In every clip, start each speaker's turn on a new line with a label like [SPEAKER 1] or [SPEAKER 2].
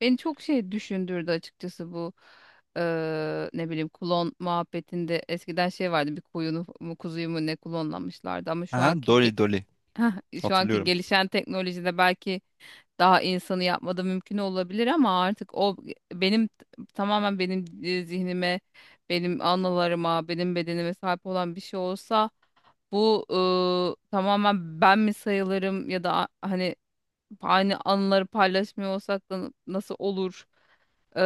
[SPEAKER 1] Beni çok şey düşündürdü açıkçası bu. Ne bileyim, klon muhabbetinde eskiden şey vardı, bir koyunu mu kuzuyu mu ne klonlamışlardı ama
[SPEAKER 2] Aha, Dolly Dolly.
[SPEAKER 1] şu anki
[SPEAKER 2] Hatırlıyorum.
[SPEAKER 1] gelişen teknolojide belki daha insanı yapmada mümkün olabilir. Ama artık o benim, tamamen benim zihnime, benim anılarıma, benim bedenime sahip olan bir şey olsa, bu, tamamen ben mi sayılırım ya da hani aynı anıları paylaşmıyor olsak da nasıl olur? Eee,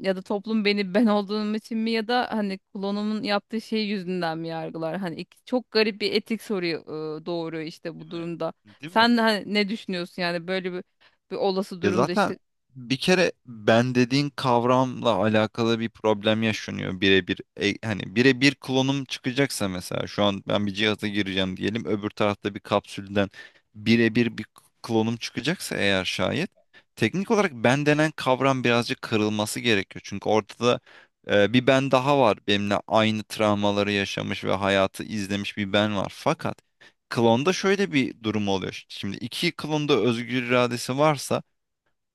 [SPEAKER 1] Ya da toplum beni ben olduğum için mi ya da hani klonumun yaptığı şey yüzünden mi yargılar? Hani çok garip bir etik soruyu doğuruyor işte bu
[SPEAKER 2] Değil mi?
[SPEAKER 1] durumda.
[SPEAKER 2] Değil mi?
[SPEAKER 1] Sen hani ne düşünüyorsun, yani böyle bir, bir olası
[SPEAKER 2] Ya
[SPEAKER 1] durumda
[SPEAKER 2] zaten
[SPEAKER 1] işte.
[SPEAKER 2] bir kere ben dediğin kavramla alakalı bir problem yaşanıyor birebir. Hani birebir klonum çıkacaksa mesela şu an ben bir cihaza gireceğim diyelim, öbür tarafta bir kapsülden birebir bir klonum çıkacaksa eğer şayet, teknik olarak ben denen kavram birazcık kırılması gerekiyor. Çünkü ortada bir ben daha var, benimle aynı travmaları yaşamış ve hayatı izlemiş bir ben var. Fakat klonda şöyle bir durum oluyor. Şimdi iki klonda özgür iradesi varsa,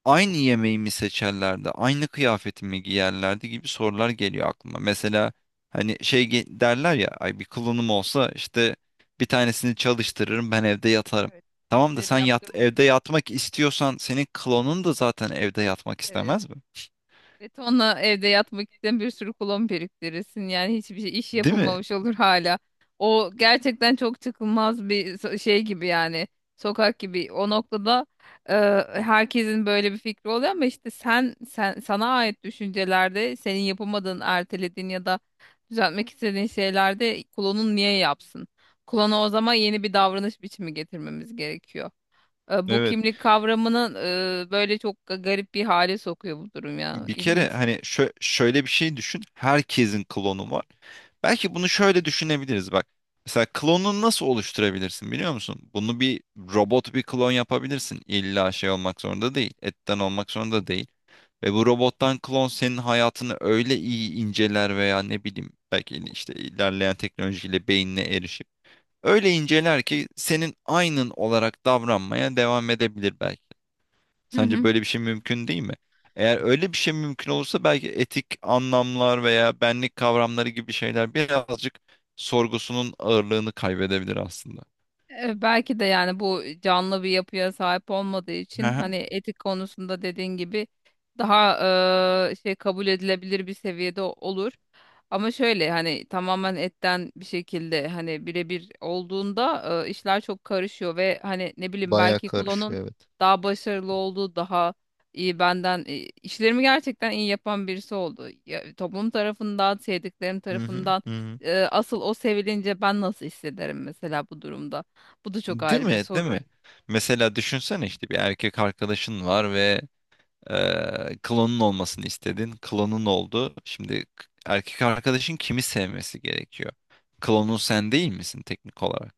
[SPEAKER 2] aynı yemeği mi seçerlerdi, aynı kıyafeti mi giyerlerdi gibi sorular geliyor aklıma. Mesela hani derler ya, ay bir klonum olsa işte bir tanesini çalıştırırım, ben evde yatarım.
[SPEAKER 1] Evet.
[SPEAKER 2] Tamam da
[SPEAKER 1] işleri
[SPEAKER 2] sen yat,
[SPEAKER 1] yaptırmak.
[SPEAKER 2] evde yatmak istiyorsan senin klonun da zaten evde yatmak istemez mi?
[SPEAKER 1] Betonla evde yatmak isteyen bir sürü kulon biriktirirsin. Yani hiçbir şey, iş
[SPEAKER 2] Değil mi?
[SPEAKER 1] yapılmamış olur hala. O gerçekten çok çıkılmaz bir şey gibi, yani. Sokak gibi. O noktada e, herkesin böyle bir fikri oluyor ama işte sen sana ait düşüncelerde senin yapamadığın, ertelediğin ya da düzeltmek istediğin şeylerde kulonun niye yapsın? Kulona o zaman yeni bir davranış biçimi getirmemiz gerekiyor. E, bu
[SPEAKER 2] Evet.
[SPEAKER 1] kimlik kavramının böyle çok garip bir hale sokuyor bu durum ya.
[SPEAKER 2] Bir kere
[SPEAKER 1] İlginç.
[SPEAKER 2] hani şöyle bir şey düşün. Herkesin klonu var. Belki bunu şöyle düşünebiliriz bak. Mesela klonunu nasıl oluşturabilirsin biliyor musun? Bunu bir robot, bir klon yapabilirsin. İlla şey olmak zorunda değil. Etten olmak zorunda değil. Ve bu robottan klon senin hayatını öyle iyi inceler veya ne bileyim belki işte ilerleyen teknolojiyle beynine erişip öyle inceler ki senin aynın olarak davranmaya devam edebilir belki.
[SPEAKER 1] Hı
[SPEAKER 2] Sence
[SPEAKER 1] hı.
[SPEAKER 2] böyle bir şey mümkün değil mi? Eğer öyle bir şey mümkün olursa, belki etik anlamlar veya benlik kavramları gibi şeyler birazcık sorgusunun ağırlığını kaybedebilir aslında.
[SPEAKER 1] E, belki de yani, bu canlı bir yapıya sahip olmadığı
[SPEAKER 2] Hı
[SPEAKER 1] için
[SPEAKER 2] hı.
[SPEAKER 1] hani etik konusunda dediğin gibi daha şey, kabul edilebilir bir seviyede olur. Ama şöyle, hani tamamen etten bir şekilde hani birebir olduğunda işler çok karışıyor ve hani ne bileyim,
[SPEAKER 2] Bayağı
[SPEAKER 1] belki klonun
[SPEAKER 2] karışıyor, evet.
[SPEAKER 1] daha başarılı olduğu, daha iyi benden işlerimi gerçekten iyi yapan birisi oldu. Ya, toplum tarafından, sevdiklerim
[SPEAKER 2] Hı hı,
[SPEAKER 1] tarafından
[SPEAKER 2] hı hı.
[SPEAKER 1] asıl o sevilince ben nasıl hissederim mesela bu durumda? Bu da çok
[SPEAKER 2] Değil
[SPEAKER 1] ayrı bir
[SPEAKER 2] mi? Değil mi?
[SPEAKER 1] soru.
[SPEAKER 2] Mesela düşünsene, işte bir erkek arkadaşın var ve klonun olmasını istedin. Klonun oldu. Şimdi erkek arkadaşın kimi sevmesi gerekiyor? Klonun sen değil misin teknik olarak?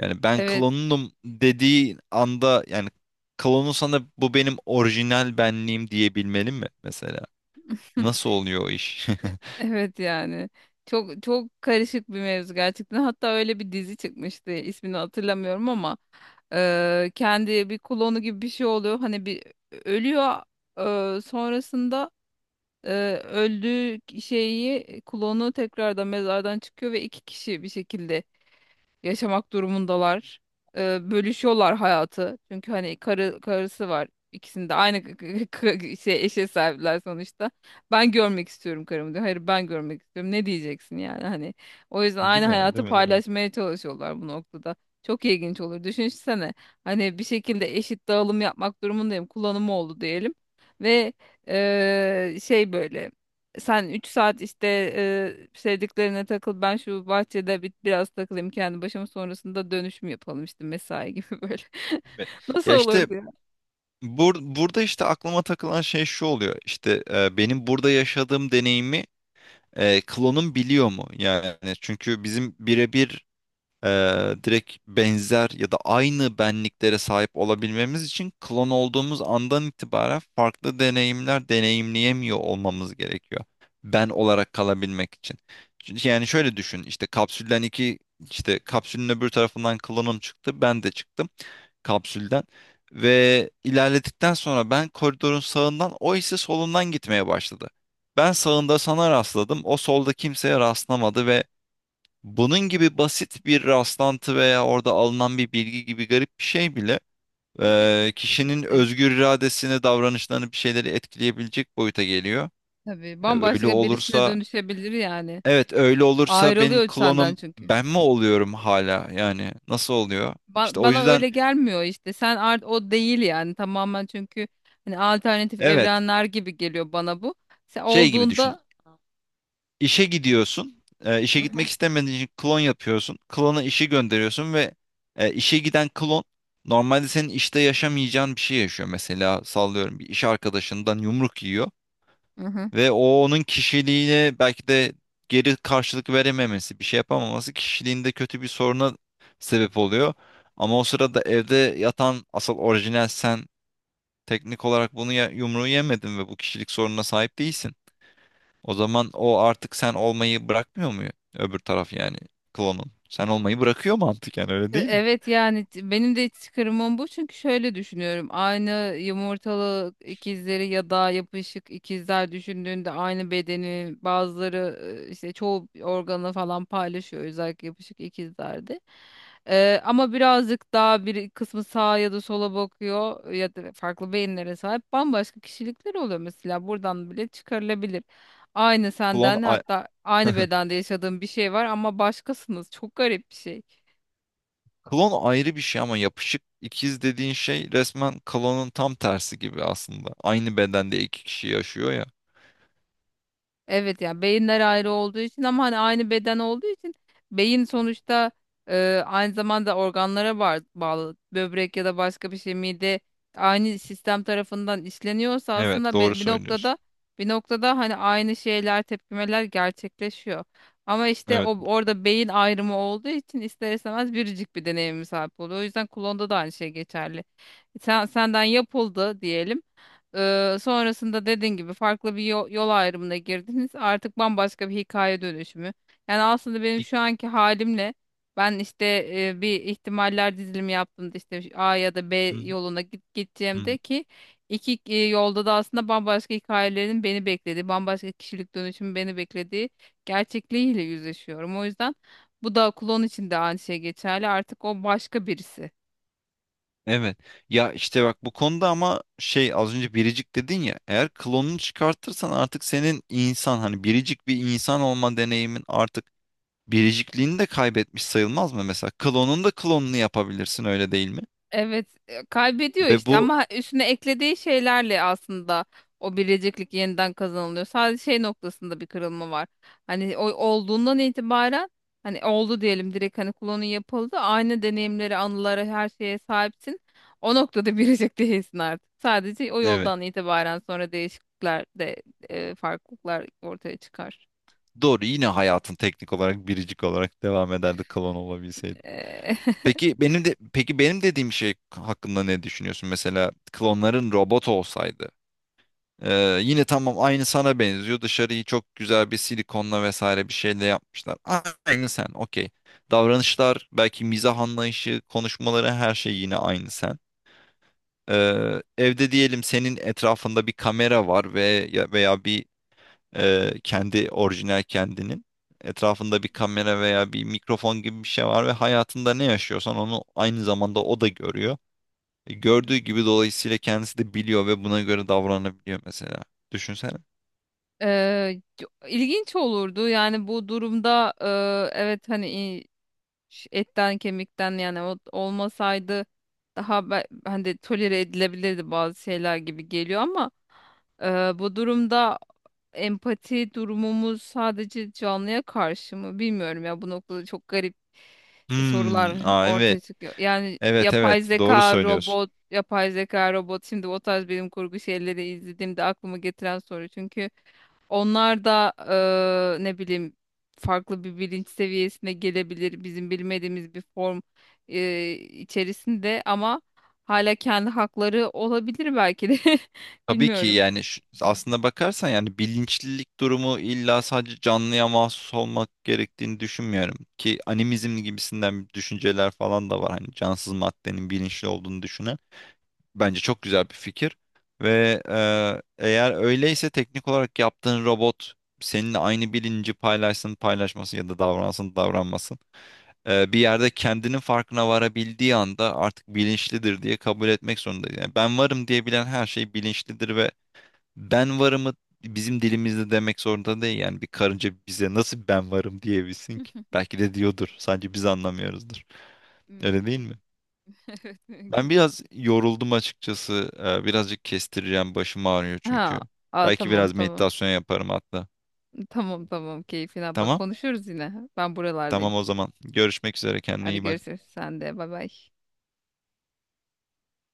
[SPEAKER 2] Yani ben
[SPEAKER 1] Evet.
[SPEAKER 2] klonunum dediği anda, yani klonun sana bu benim orijinal benliğim diyebilmeli mi mesela? Nasıl oluyor o iş?
[SPEAKER 1] Evet yani. Çok çok karışık bir mevzu gerçekten. Hatta öyle bir dizi çıkmıştı, İsmini hatırlamıyorum ama. Kendi bir klonu gibi bir şey oluyor. Hani bir ölüyor, sonrasında öldüğü şeyi klonu tekrardan mezardan çıkıyor ve iki kişi bir şekilde yaşamak durumundalar. Bölüşüyorlar hayatı. Çünkü hani karı, karısı var. İkisinde de aynı şey, eşe sahipler sonuçta. Ben görmek istiyorum karımı diyor. Hayır, ben görmek istiyorum. Ne diyeceksin yani, hani. O yüzden
[SPEAKER 2] Değil
[SPEAKER 1] aynı
[SPEAKER 2] mi?
[SPEAKER 1] hayatı
[SPEAKER 2] Değil mi? Değil mi?
[SPEAKER 1] paylaşmaya çalışıyorlar bu noktada. Çok ilginç olur. Düşünsene, hani bir şekilde eşit dağılım yapmak durumundayım. Kullanımı oldu diyelim. Ve şey, böyle, sen 3 saat işte sevdiklerine takıl, ben şu bahçede bir, biraz takılayım kendi başıma, sonrasında dönüşüm yapalım işte, mesai gibi böyle.
[SPEAKER 2] Değil mi?
[SPEAKER 1] Nasıl
[SPEAKER 2] Ya işte
[SPEAKER 1] olurdu ya?
[SPEAKER 2] burada işte aklıma takılan şey şu oluyor. İşte benim burada yaşadığım deneyimi klonum biliyor mu? Yani çünkü bizim birebir direkt benzer ya da aynı benliklere sahip olabilmemiz için, klon olduğumuz andan itibaren farklı deneyimler deneyimleyemiyor olmamız gerekiyor. Ben olarak kalabilmek için. Çünkü yani şöyle düşün, işte kapsülden iki işte kapsülün öbür tarafından klonum çıktı, ben de çıktım kapsülden. Ve ilerledikten sonra ben koridorun sağından, o ise solundan gitmeye başladı. Ben sağında sana rastladım, o solda kimseye rastlamadı ve bunun gibi basit bir rastlantı veya orada alınan bir bilgi gibi garip bir şey bile
[SPEAKER 1] Tabii etkisidir.
[SPEAKER 2] kişinin özgür iradesini, davranışlarını, bir şeyleri etkileyebilecek boyuta geliyor.
[SPEAKER 1] Tabii
[SPEAKER 2] E, öyle
[SPEAKER 1] bambaşka birisine
[SPEAKER 2] olursa,
[SPEAKER 1] dönüşebilir yani.
[SPEAKER 2] evet, öyle olursa benim
[SPEAKER 1] Ayrılıyor senden
[SPEAKER 2] klonum
[SPEAKER 1] çünkü.
[SPEAKER 2] ben mi oluyorum hala? Yani nasıl oluyor? İşte o
[SPEAKER 1] Bana
[SPEAKER 2] yüzden
[SPEAKER 1] öyle gelmiyor işte, sen art o değil yani tamamen, çünkü hani alternatif
[SPEAKER 2] evet,
[SPEAKER 1] evrenler gibi geliyor bana bu. Sen
[SPEAKER 2] şey gibi düşün.
[SPEAKER 1] olduğunda.
[SPEAKER 2] İşe gidiyorsun. İşe
[SPEAKER 1] Hı hı.
[SPEAKER 2] gitmek istemediğin için klon yapıyorsun. Klona işi gönderiyorsun ve işe giden klon normalde senin işte yaşamayacağın bir şey yaşıyor. Mesela sallıyorum, bir iş arkadaşından yumruk yiyor
[SPEAKER 1] Hı hı.
[SPEAKER 2] ve o, onun kişiliğine belki de, geri karşılık verememesi, bir şey yapamaması kişiliğinde kötü bir soruna sebep oluyor. Ama o sırada evde yatan asıl orijinal sen, teknik olarak bunu, ya, yumruğu yemedin ve bu kişilik sorununa sahip değilsin. O zaman o artık sen olmayı bırakmıyor mu? Öbür taraf yani, klonun. Sen olmayı bırakıyor mantıken, öyle
[SPEAKER 1] E,
[SPEAKER 2] değil mi?
[SPEAKER 1] evet yani, benim de çıkarımım bu, çünkü şöyle düşünüyorum. Aynı yumurtalı ikizleri ya da yapışık ikizler düşündüğünde aynı bedeni bazıları işte çoğu organı falan paylaşıyor, özellikle yapışık ikizlerde. E, ama birazcık daha bir kısmı sağa ya da sola bakıyor ya da farklı beyinlere sahip bambaşka kişilikler oluyor mesela, buradan bile çıkarılabilir. Aynı
[SPEAKER 2] Klon
[SPEAKER 1] senden,
[SPEAKER 2] a-
[SPEAKER 1] hatta aynı bedende yaşadığın bir şey var ama başkasınız. Çok garip bir şey.
[SPEAKER 2] Klon ayrı bir şey ama yapışık ikiz dediğin şey resmen klonun tam tersi gibi aslında. Aynı bedende iki kişi yaşıyor ya.
[SPEAKER 1] Evet ya, beyinler ayrı olduğu için. Ama hani aynı beden olduğu için beyin sonuçta aynı zamanda organlara bağlı, böbrek ya da başka bir şey, mide, aynı sistem tarafından işleniyorsa
[SPEAKER 2] Evet,
[SPEAKER 1] aslında
[SPEAKER 2] doğru
[SPEAKER 1] bir
[SPEAKER 2] söylüyorsun.
[SPEAKER 1] noktada, bir noktada hani aynı şeyler, tepkimeler gerçekleşiyor. Ama işte
[SPEAKER 2] Evet.
[SPEAKER 1] o orada beyin ayrımı olduğu için ister istemez biricik bir deneyime sahip oluyor. O yüzden klonda da aynı şey geçerli. Sen, senden yapıldı diyelim. Sonrasında dediğin gibi farklı bir yol, yol ayrımına girdiniz. Artık bambaşka bir hikaye dönüşümü. Yani aslında benim
[SPEAKER 2] Bir-
[SPEAKER 1] şu anki halimle ben işte bir ihtimaller dizilimi yaptığımda işte A ya da B
[SPEAKER 2] Hı hı,
[SPEAKER 1] yoluna git,
[SPEAKER 2] hı hı.
[SPEAKER 1] gideceğimde ki iki yolda da aslında bambaşka hikayelerin beni beklediği, bambaşka kişilik dönüşümü beni beklediği gerçekliğiyle yüzleşiyorum. O yüzden bu da, klon için de aynı şey geçerli. Artık o başka birisi.
[SPEAKER 2] Evet. Ya işte bak, bu konuda ama şey, az önce biricik dedin ya, eğer klonunu çıkartırsan artık senin insan hani biricik bir insan olma deneyimin artık biricikliğini de kaybetmiş sayılmaz mı mesela? Klonun da klonunu yapabilirsin, öyle değil mi?
[SPEAKER 1] Evet, kaybediyor
[SPEAKER 2] Ve
[SPEAKER 1] işte
[SPEAKER 2] bu
[SPEAKER 1] ama üstüne eklediği şeylerle aslında o biriciklik yeniden kazanılıyor. Sadece şey noktasında bir kırılma var. Hani o olduğundan itibaren, hani oldu diyelim, direkt hani klonu yapıldı. Aynı deneyimlere, anılara, her şeye sahipsin. O noktada biricik değilsin artık. Sadece o
[SPEAKER 2] evet
[SPEAKER 1] yoldan itibaren sonra değişiklikler de farklılıklar ortaya çıkar.
[SPEAKER 2] doğru, yine hayatın teknik olarak biricik olarak devam ederdi klon olabilseydi.
[SPEAKER 1] Eee,
[SPEAKER 2] Peki benim de peki benim dediğim şey hakkında ne düşünüyorsun? Mesela klonların robot olsaydı. Yine tamam, aynı sana benziyor. Dışarıyı çok güzel bir silikonla vesaire bir şeyle yapmışlar. Aynı sen, okey. Davranışlar belki, mizah anlayışı, konuşmaları, her şey yine aynı sen. Evde diyelim, senin etrafında bir kamera var ve veya bir kendi orijinal kendinin etrafında bir kamera veya bir mikrofon gibi bir şey var ve hayatında ne yaşıyorsan onu aynı zamanda o da görüyor.
[SPEAKER 1] Hı hı.
[SPEAKER 2] Gördüğü gibi, dolayısıyla kendisi de biliyor ve buna göre davranabiliyor mesela. Düşünsene.
[SPEAKER 1] İlginç olurdu yani bu durumda. Evet hani, etten kemikten yani o olmasaydı daha hani tolere edilebilirdi bazı şeyler gibi geliyor ama e, bu durumda empati durumumuz sadece canlıya karşı mı, bilmiyorum ya, bu noktada çok garip
[SPEAKER 2] Hmm,
[SPEAKER 1] sorular
[SPEAKER 2] aa
[SPEAKER 1] ortaya
[SPEAKER 2] evet.
[SPEAKER 1] çıkıyor. Yani
[SPEAKER 2] Evet,
[SPEAKER 1] yapay
[SPEAKER 2] evet, doğru
[SPEAKER 1] zeka,
[SPEAKER 2] söylüyorsun.
[SPEAKER 1] robot, yapay zeka, robot, şimdi o tarz bilim kurgu şeyleri izlediğimde aklıma getiren soru, çünkü onlar da ne bileyim, farklı bir bilinç seviyesine gelebilir. Bizim bilmediğimiz bir form içerisinde ama hala kendi hakları olabilir belki de.
[SPEAKER 2] Tabii ki,
[SPEAKER 1] Bilmiyorum.
[SPEAKER 2] yani aslında bakarsan yani, bilinçlilik durumu illa sadece canlıya mahsus olmak gerektiğini düşünmüyorum. Ki animizm gibisinden düşünceler falan da var. Hani cansız maddenin bilinçli olduğunu düşünen. Bence çok güzel bir fikir. Ve eğer öyleyse, teknik olarak yaptığın robot seninle aynı bilinci paylaşsın paylaşmasın ya da davransın davranmasın, bir yerde kendinin farkına varabildiği anda artık bilinçlidir diye kabul etmek zorundayız. Yani ben varım diyebilen her şey bilinçlidir ve ben varımı bizim dilimizde demek zorunda değil, yani bir karınca bize nasıl ben varım diyebilsin ki? Belki de diyordur.
[SPEAKER 1] Evet,
[SPEAKER 2] Sadece biz anlamıyoruzdur. Öyle değil
[SPEAKER 1] mümkün.
[SPEAKER 2] mi?
[SPEAKER 1] Evet,
[SPEAKER 2] Ben
[SPEAKER 1] mümkün.
[SPEAKER 2] biraz yoruldum açıkçası. Birazcık kestireceğim. Başım ağrıyor
[SPEAKER 1] Ha,
[SPEAKER 2] çünkü.
[SPEAKER 1] aa,
[SPEAKER 2] Belki
[SPEAKER 1] tamam
[SPEAKER 2] biraz
[SPEAKER 1] tamam.
[SPEAKER 2] meditasyon yaparım hatta.
[SPEAKER 1] Tamam tamam, keyfine bak.
[SPEAKER 2] Tamam.
[SPEAKER 1] Konuşuruz yine. Ben buralardayım.
[SPEAKER 2] Tamam o zaman. Görüşmek üzere. Kendine
[SPEAKER 1] Hadi
[SPEAKER 2] iyi bak.
[SPEAKER 1] görüşürüz. Sen de bay bay.